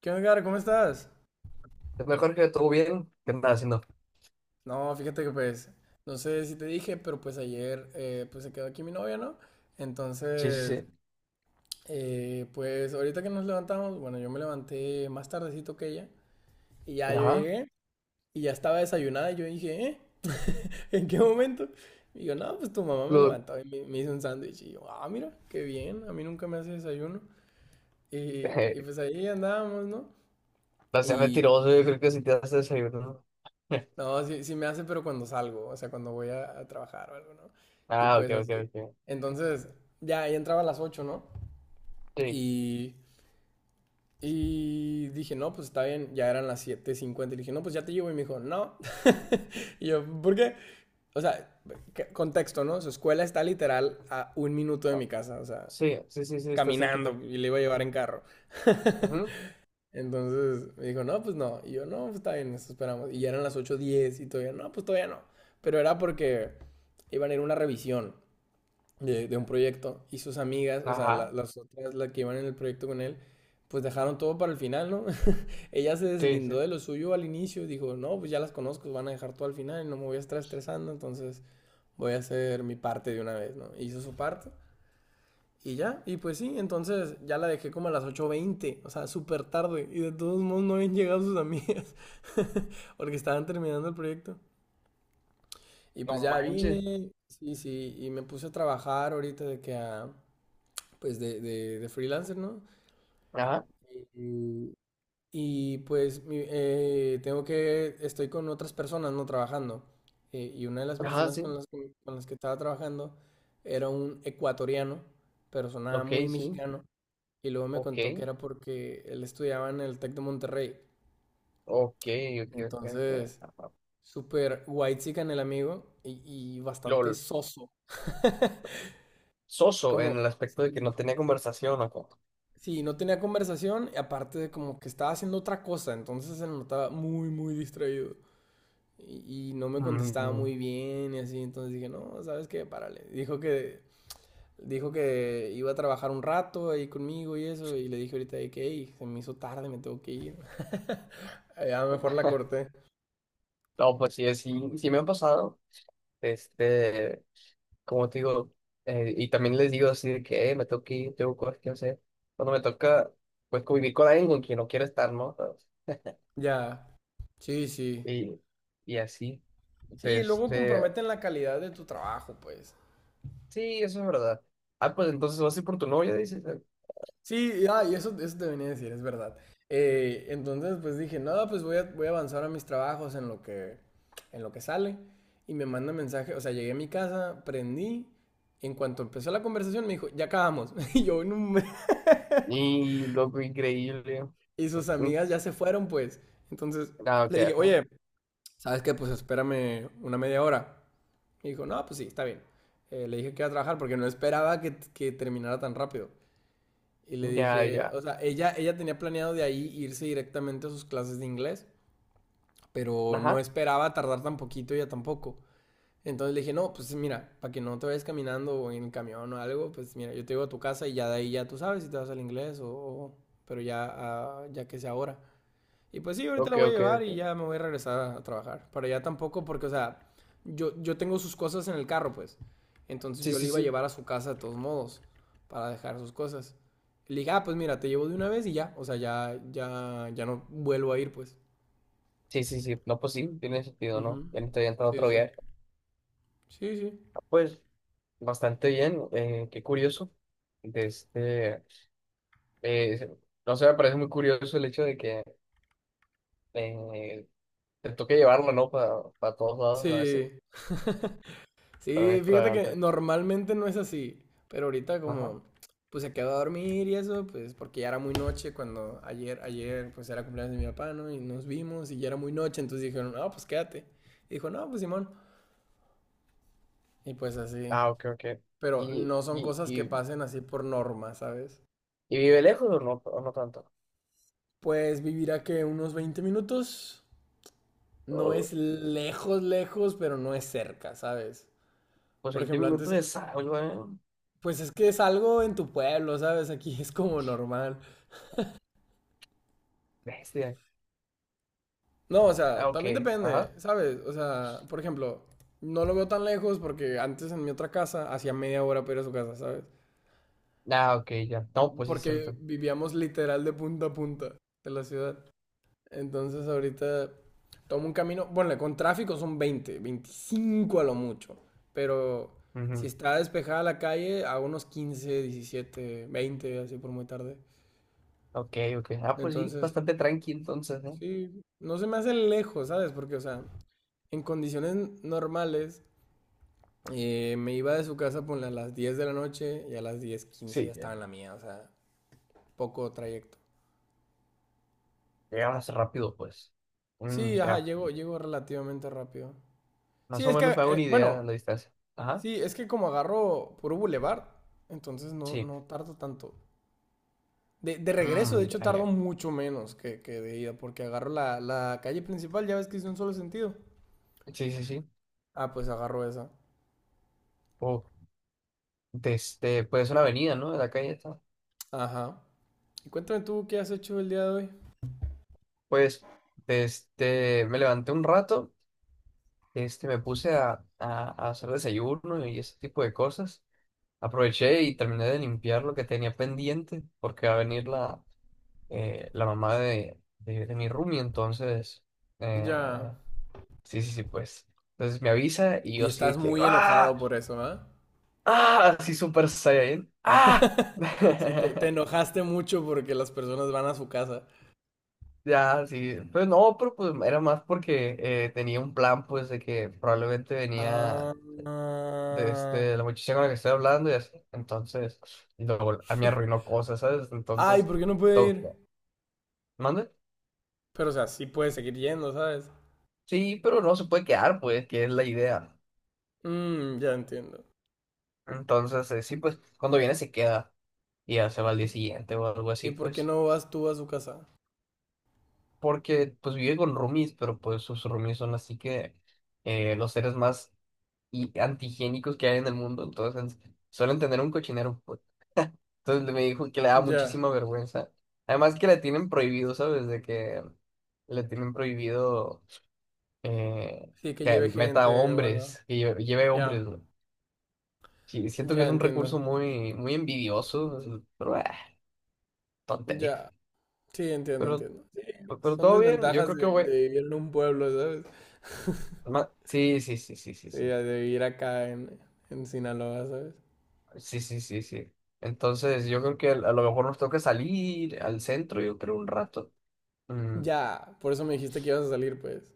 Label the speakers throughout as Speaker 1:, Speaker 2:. Speaker 1: ¿Qué onda, Edgar? ¿Cómo estás?
Speaker 2: Es Mejor que todo bien. ¿Qué andas haciendo?
Speaker 1: No, fíjate que pues, no sé si te dije, pero pues ayer pues se quedó aquí mi novia, ¿no?
Speaker 2: Sí, sí,
Speaker 1: Entonces, pues ahorita que nos levantamos, bueno, yo me levanté más tardecito que ella y
Speaker 2: sí.
Speaker 1: ya yo
Speaker 2: Ajá.
Speaker 1: llegué y ya estaba desayunada y yo dije, ¿eh? ¿En qué momento? Y yo, no, pues tu mamá me
Speaker 2: Lo...
Speaker 1: levantó y me hizo un sándwich y yo, ah, mira, qué bien, a mí nunca me hace desayuno. Y, y
Speaker 2: eh,
Speaker 1: pues ahí andábamos, ¿no?
Speaker 2: no sea
Speaker 1: Y,
Speaker 2: mentiroso, yo creo que si te das desayuno.
Speaker 1: No, sí, sí me hace, pero cuando salgo, o sea, cuando voy a trabajar o algo, ¿no? Y
Speaker 2: Ah, ok,
Speaker 1: pues
Speaker 2: ok,
Speaker 1: así.
Speaker 2: ok.
Speaker 1: Entonces, ya, ya entraba a las 8, ¿no?
Speaker 2: Sí.
Speaker 1: Y, y dije, no, pues está bien, ya eran las 7:50. Y le dije, no, pues ya te llevo. Y me dijo, no. Y yo, ¿por qué? O sea, contexto, ¿no? Su escuela está literal a un minuto de mi
Speaker 2: No.
Speaker 1: casa, o sea,
Speaker 2: Sí, sí, sí, sí, está cerquita.
Speaker 1: caminando y le iba a llevar en carro.
Speaker 2: Ujú.
Speaker 1: Entonces me dijo, no, pues no. Y yo, no, pues está bien, nos esperamos. Y ya eran las 8:10 y todavía, no, pues todavía no. Pero era porque iban a ir a una revisión de un proyecto y sus amigas, o sea,
Speaker 2: Ajá,
Speaker 1: las otras, las que iban en el proyecto con él, pues dejaron todo para el final, ¿no? Ella se
Speaker 2: sí,
Speaker 1: deslindó
Speaker 2: sí.
Speaker 1: de lo suyo al inicio, dijo, no, pues ya las conozco, van a dejar todo al final, y no me voy a estar estresando, entonces voy a hacer mi parte de una vez, ¿no? Hizo su parte y ya, y pues sí, entonces ya la dejé como a las 8:20, o sea, súper tarde. Y de todos modos no habían llegado sus amigas, porque estaban terminando el proyecto. Y pues
Speaker 2: No
Speaker 1: ya
Speaker 2: manches.
Speaker 1: vine, sí, sí, y me puse a trabajar ahorita de que a, pues de freelancer, ¿no?
Speaker 2: Ajá,
Speaker 1: Y, Y pues, estoy con otras personas no trabajando. Y una de las
Speaker 2: ajá,
Speaker 1: personas con
Speaker 2: sí.
Speaker 1: las que, estaba trabajando era un ecuatoriano, pero sonaba
Speaker 2: Ok,
Speaker 1: muy
Speaker 2: sí.
Speaker 1: mexicano. Y luego me contó que
Speaker 2: Ok,
Speaker 1: era porque él estudiaba en el Tec de Monterrey.
Speaker 2: ok, ok, ok, ok,
Speaker 1: Entonces,
Speaker 2: ajá.
Speaker 1: súper en el amigo y bastante
Speaker 2: Lol,
Speaker 1: soso.
Speaker 2: ¿soso en
Speaker 1: Como,
Speaker 2: el aspecto de que
Speaker 1: sí,
Speaker 2: no tenía conversación o cómo?
Speaker 1: sí, no tenía conversación y aparte de como que estaba haciendo otra cosa, entonces se notaba muy, muy distraído. Y no me contestaba
Speaker 2: Mm,
Speaker 1: muy bien y así, entonces dije, no, ¿sabes qué? Párale. Dijo que iba a trabajar un rato ahí conmigo y eso, y le dije ahorita de que, "Ey, se me hizo tarde, me tengo que ir." Ya mejor la corté.
Speaker 2: No, pues sí, sí, sí me han pasado. Este. Como te digo, y también les digo así de que me tengo que ir, tengo cosas que hacer." Cuando me toca, pues convivir con alguien con quien no quiero estar, ¿no?
Speaker 1: Ya, sí, sí.
Speaker 2: Y, y así.
Speaker 1: Sí,
Speaker 2: Entonces,
Speaker 1: luego comprometen la calidad de tu trabajo, pues.
Speaker 2: sí, eso es verdad. Ah, pues entonces vas a ir por tu novia, dices.
Speaker 1: Sí, ah, y eso, te venía a decir, es verdad. Entonces, pues dije, nada, pues voy a avanzar a mis trabajos en lo que, sale. Y me manda mensaje, o sea, llegué a mi casa, prendí. En cuanto empezó la conversación, me dijo, ya acabamos. Y yo, no,
Speaker 2: Y loco, increíble.
Speaker 1: y sus
Speaker 2: Mm,
Speaker 1: amigas ya se fueron, pues. Entonces,
Speaker 2: Ah, ok,
Speaker 1: le dije,
Speaker 2: ajá.
Speaker 1: oye, ¿sabes qué? Pues espérame una media hora. Me dijo, no, pues sí, está bien. Le dije que iba a trabajar porque no esperaba que terminara tan rápido. Y le
Speaker 2: Ya,
Speaker 1: dije,
Speaker 2: ya.
Speaker 1: o sea, ella, tenía planeado de ahí irse directamente a sus clases de inglés, pero no
Speaker 2: Ajá.
Speaker 1: esperaba tardar tan poquito ella tampoco. Entonces le dije, no, pues mira, para que no te vayas caminando o en el camión o algo, pues mira, yo te llevo a tu casa y ya de ahí ya tú sabes si te vas al inglés o, pero ya, ah, ya que sea ahora. Y pues sí, ahorita la
Speaker 2: Ok,
Speaker 1: voy a
Speaker 2: ok,
Speaker 1: llevar y
Speaker 2: ok.
Speaker 1: ya me voy a regresar a trabajar. Para allá tampoco, porque, o sea, yo, tengo sus cosas en el carro, pues. Entonces
Speaker 2: Sí,
Speaker 1: yo
Speaker 2: sí,
Speaker 1: le iba a
Speaker 2: sí.
Speaker 1: llevar a su casa de todos modos, para dejar sus cosas. Y le dije, ah, pues mira, te llevo de una vez y ya. O sea, ya, ya, ya no vuelvo a ir, pues.
Speaker 2: Sí, sí, sí. No, pues sí, tiene sentido, ¿no?
Speaker 1: Ujú.
Speaker 2: Ya me estoy entrando a
Speaker 1: Sí,
Speaker 2: otro
Speaker 1: sí.
Speaker 2: viaje.
Speaker 1: Sí, sí.
Speaker 2: Ah, pues bastante bien. Qué curioso. De este. eh, no sé, me parece muy curioso el hecho de que eh, te toque llevarlo, ¿no? Para todos lados a veces,
Speaker 1: Sí.
Speaker 2: tan
Speaker 1: Sí, fíjate que
Speaker 2: extravagante.
Speaker 1: normalmente no es así, pero ahorita
Speaker 2: Ajá.
Speaker 1: como pues se quedó a dormir y eso, pues porque ya era muy noche cuando ayer pues era cumpleaños de mi papá, ¿no? Y nos vimos y ya era muy noche, entonces dijeron, no, pues quédate. Y dijo, no, pues Simón. Y pues así.
Speaker 2: Ah, ok, ok.
Speaker 1: Pero
Speaker 2: ¿Y,
Speaker 1: no son
Speaker 2: y,
Speaker 1: cosas que
Speaker 2: y,
Speaker 1: pasen así por norma, ¿sabes?
Speaker 2: y vive lejos o no tanto?
Speaker 1: Pues vivir a que unos 20 minutos no
Speaker 2: Oh,
Speaker 1: es lejos, lejos, pero no es cerca, ¿sabes?
Speaker 2: pues
Speaker 1: Por
Speaker 2: 20
Speaker 1: ejemplo,
Speaker 2: minutos
Speaker 1: antes,
Speaker 2: de salgo, ¿eh?
Speaker 1: pues es que es algo en tu pueblo, ¿sabes? Aquí es como normal.
Speaker 2: Bestia.
Speaker 1: No, o
Speaker 2: Ah,
Speaker 1: sea,
Speaker 2: ok,
Speaker 1: también depende,
Speaker 2: ajá.
Speaker 1: ¿sabes? O sea, por ejemplo, no lo veo tan lejos porque antes en mi otra casa hacía media hora para ir a su casa, ¿sabes?
Speaker 2: Ah, ok, ya. No, pues sí, es
Speaker 1: Porque
Speaker 2: cierto.
Speaker 1: vivíamos literal de punta a punta de la ciudad. Entonces ahorita tomo un camino, bueno, con tráfico son 20, 25 a lo mucho, pero si
Speaker 2: Ujú.
Speaker 1: está despejada la calle, a unos 15, 17, 20 así por muy tarde.
Speaker 2: Ok, ok. Ah, pues sí,
Speaker 1: Entonces,
Speaker 2: bastante tranqui entonces, ¿eh?
Speaker 1: sí, no se me hace lejos, ¿sabes? Porque, o sea, en condiciones normales, me iba de su casa ponle, a las 10 de la noche y a las 10:15 ya
Speaker 2: Sí, ya.
Speaker 1: estaba en la mía, o sea, poco trayecto.
Speaker 2: Llegabas rápido, pues.
Speaker 1: Sí, ajá,
Speaker 2: Ya.
Speaker 1: llego relativamente rápido. Sí,
Speaker 2: Más o
Speaker 1: es que,
Speaker 2: menos me hago una idea
Speaker 1: bueno,
Speaker 2: de la distancia. Ajá.
Speaker 1: sí, es que como agarro puro bulevar entonces
Speaker 2: Sí.
Speaker 1: no tardo tanto. De regreso, de hecho,
Speaker 2: Ya,
Speaker 1: tardo
Speaker 2: ya.
Speaker 1: mucho menos que de ida, porque agarro la calle principal, ya ves que es de un solo sentido.
Speaker 2: Sí, sí, sí.
Speaker 1: Ah, pues agarro esa.
Speaker 2: Oh, desde, pues es una avenida, ¿no? De la calle está.
Speaker 1: Ajá. Y cuéntame tú qué has hecho el día de hoy.
Speaker 2: Pues, desde, me levanté un rato, me puse a hacer desayuno y ese tipo de cosas. Aproveché y terminé de limpiar lo que tenía pendiente, porque va a venir la mamá de mi roomie, entonces,
Speaker 1: Ya.
Speaker 2: eh, sí, sí, sí, pues. Entonces me avisa y yo
Speaker 1: Y
Speaker 2: así
Speaker 1: estás
Speaker 2: de que,
Speaker 1: muy
Speaker 2: ¡ah!
Speaker 1: enojado por eso, ¿ah?
Speaker 2: ¡Ah! Así súper Saiyan, ¡ah!
Speaker 1: Sí, te enojaste mucho porque las personas van a su casa.
Speaker 2: Ya, sí, pues no, pero pues era más porque tenía un plan, pues, de que probablemente
Speaker 1: Ah,
Speaker 2: venía
Speaker 1: ah.
Speaker 2: la muchacha con la que estoy hablando y así, entonces, y luego a mí arruinó cosas, ¿sabes?
Speaker 1: Ay,
Speaker 2: Entonces,
Speaker 1: ¿por qué no puede
Speaker 2: toca.
Speaker 1: ir?
Speaker 2: ¿Mande?
Speaker 1: Pero, o sea, sí puede seguir yendo, ¿sabes?
Speaker 2: Sí, pero no se puede quedar, pues, que es la idea.
Speaker 1: Mmm, ya entiendo.
Speaker 2: Entonces, sí, pues, cuando viene se queda y ya se va al día
Speaker 1: ¿Y,
Speaker 2: siguiente o algo así,
Speaker 1: y por qué
Speaker 2: pues,
Speaker 1: no vas tú a su casa?
Speaker 2: porque, pues, vive con roomies, pero pues sus roomies son así que los seres más y antihigiénicos que hay en el mundo, entonces suelen tener un cochinero, pues. Entonces me dijo que le da
Speaker 1: Ya.
Speaker 2: muchísima vergüenza. Además que le tienen prohibido, ¿sabes? De que le tienen prohibido eh,
Speaker 1: Sí, que
Speaker 2: que
Speaker 1: lleve
Speaker 2: meta
Speaker 1: gente o algo.
Speaker 2: hombres, que lleve
Speaker 1: Ya,
Speaker 2: hombres, güey. Sí, siento que
Speaker 1: ya
Speaker 2: es un
Speaker 1: entiendo.
Speaker 2: recurso muy, muy envidioso, pero tontería.
Speaker 1: Ya. Sí, entiendo,
Speaker 2: Pero,
Speaker 1: entiendo. Sí,
Speaker 2: pero
Speaker 1: son
Speaker 2: todo bien, yo
Speaker 1: desventajas
Speaker 2: creo que
Speaker 1: de,
Speaker 2: voy.
Speaker 1: de vivir en un pueblo, ¿sabes?
Speaker 2: Sí, sí, sí, sí, sí,
Speaker 1: Sí,
Speaker 2: sí.
Speaker 1: de vivir acá en, Sinaloa, ¿sabes?
Speaker 2: Sí, sí, sí, sí. Entonces, yo creo que a lo mejor nos toca salir al centro, yo creo, un rato. Mm,
Speaker 1: Ya, por eso me dijiste que ibas a salir, pues.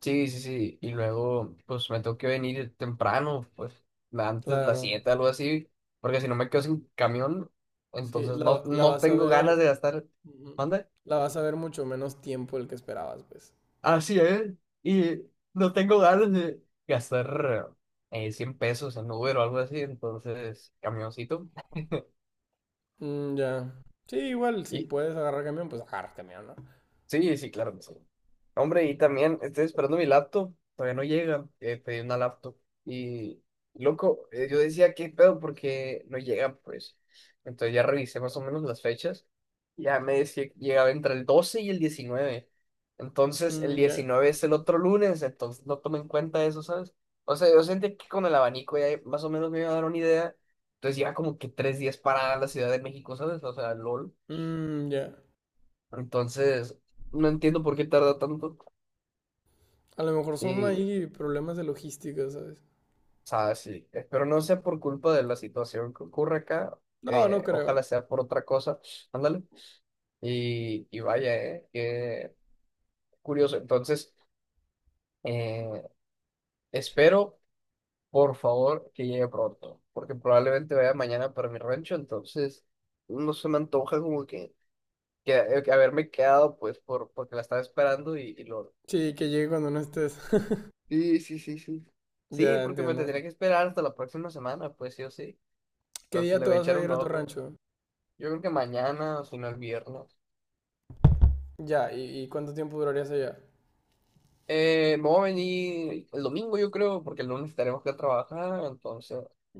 Speaker 2: sí, sí, sí. Y luego, pues me tengo que venir temprano, pues antes de las
Speaker 1: Claro.
Speaker 2: 7 algo así, porque si no me quedo sin camión,
Speaker 1: Sí,
Speaker 2: entonces no,
Speaker 1: la
Speaker 2: no
Speaker 1: vas a
Speaker 2: tengo ganas
Speaker 1: ver.
Speaker 2: de gastar.
Speaker 1: Ujú.
Speaker 2: ¿Manda?
Speaker 1: La vas a ver mucho menos tiempo del que esperabas, pues.
Speaker 2: Así es. Y no tengo ganas de gastar 100 pesos en Uber o algo así, entonces, camioncito.
Speaker 1: Mm, ya. Sí, igual, si puedes agarrar camión, pues agarra camión, ¿no?
Speaker 2: Sí, sí, claro que sí. Hombre, y también estoy esperando mi laptop. Todavía no llega. Pedí una laptop. Y, loco, yo decía, ¿qué pedo? Porque no llega, pues. Entonces ya revisé más o menos las fechas. Ya me decía que llegaba entre el 12 y el 19. Entonces, el
Speaker 1: Mm, ya.
Speaker 2: 19 es el otro lunes. Entonces, no tomé en cuenta eso, ¿sabes? O sea, yo sentí que con el abanico ya más o menos me iba a dar una idea. Entonces, ya como que 3 días para la Ciudad de México, ¿sabes? O sea, LOL.
Speaker 1: Mm, ya.
Speaker 2: Entonces, no entiendo por qué tarda tanto.
Speaker 1: A lo mejor son
Speaker 2: Y, o
Speaker 1: ahí problemas de logística, ¿sabes?
Speaker 2: sea, sí, espero no sea por culpa de la situación que ocurre acá.
Speaker 1: No, no creo.
Speaker 2: Ojalá sea por otra cosa. Ándale. Y vaya, qué curioso. Entonces, eh, espero, por favor, que llegue pronto. Porque probablemente vaya mañana para mi rancho. Entonces, no se me antoja como que haberme quedado, pues, porque la estaba esperando y lo.
Speaker 1: Sí, que llegue cuando no estés.
Speaker 2: Sí, sí, sí, sí. Sí,
Speaker 1: Ya,
Speaker 2: porque me
Speaker 1: entiendo.
Speaker 2: tendría que esperar hasta la próxima semana, pues sí o sí.
Speaker 1: ¿Qué
Speaker 2: Entonces
Speaker 1: día
Speaker 2: le
Speaker 1: te
Speaker 2: voy a
Speaker 1: vas
Speaker 2: echar
Speaker 1: a
Speaker 2: un
Speaker 1: ir a tu
Speaker 2: ojo.
Speaker 1: rancho?
Speaker 2: Yo creo que mañana o si no el viernes.
Speaker 1: Ya, ¿y cuánto tiempo durarías allá?
Speaker 2: Me voy a venir el domingo, yo creo, porque el lunes tenemos que trabajar. Entonces,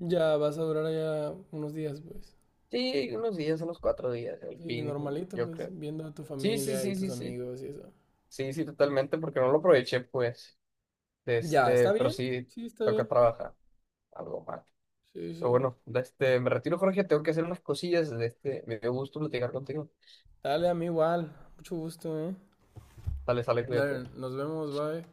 Speaker 1: Ya, vas a durar allá unos días, pues.
Speaker 2: sí, unos días, unos 4 días, el
Speaker 1: Y
Speaker 2: fin,
Speaker 1: normalito,
Speaker 2: yo
Speaker 1: pues,
Speaker 2: creo.
Speaker 1: viendo a tu
Speaker 2: Sí, sí,
Speaker 1: familia y
Speaker 2: sí, sí,
Speaker 1: tus
Speaker 2: sí.
Speaker 1: amigos y eso.
Speaker 2: Sí, sí, totalmente, porque no lo aproveché, pues.
Speaker 1: Ya, ¿está
Speaker 2: Pero
Speaker 1: bien?
Speaker 2: sí,
Speaker 1: Sí, está
Speaker 2: toca
Speaker 1: bien.
Speaker 2: trabajar algo más.
Speaker 1: Sí,
Speaker 2: Pero
Speaker 1: sí.
Speaker 2: bueno, me retiro, Jorge, tengo que hacer unas cosillas. Me dio gusto platicar contigo.
Speaker 1: Dale, a mí igual. Mucho gusto, ¿eh?
Speaker 2: Sale, sale, cuídate.
Speaker 1: Dale, nos vemos, bye.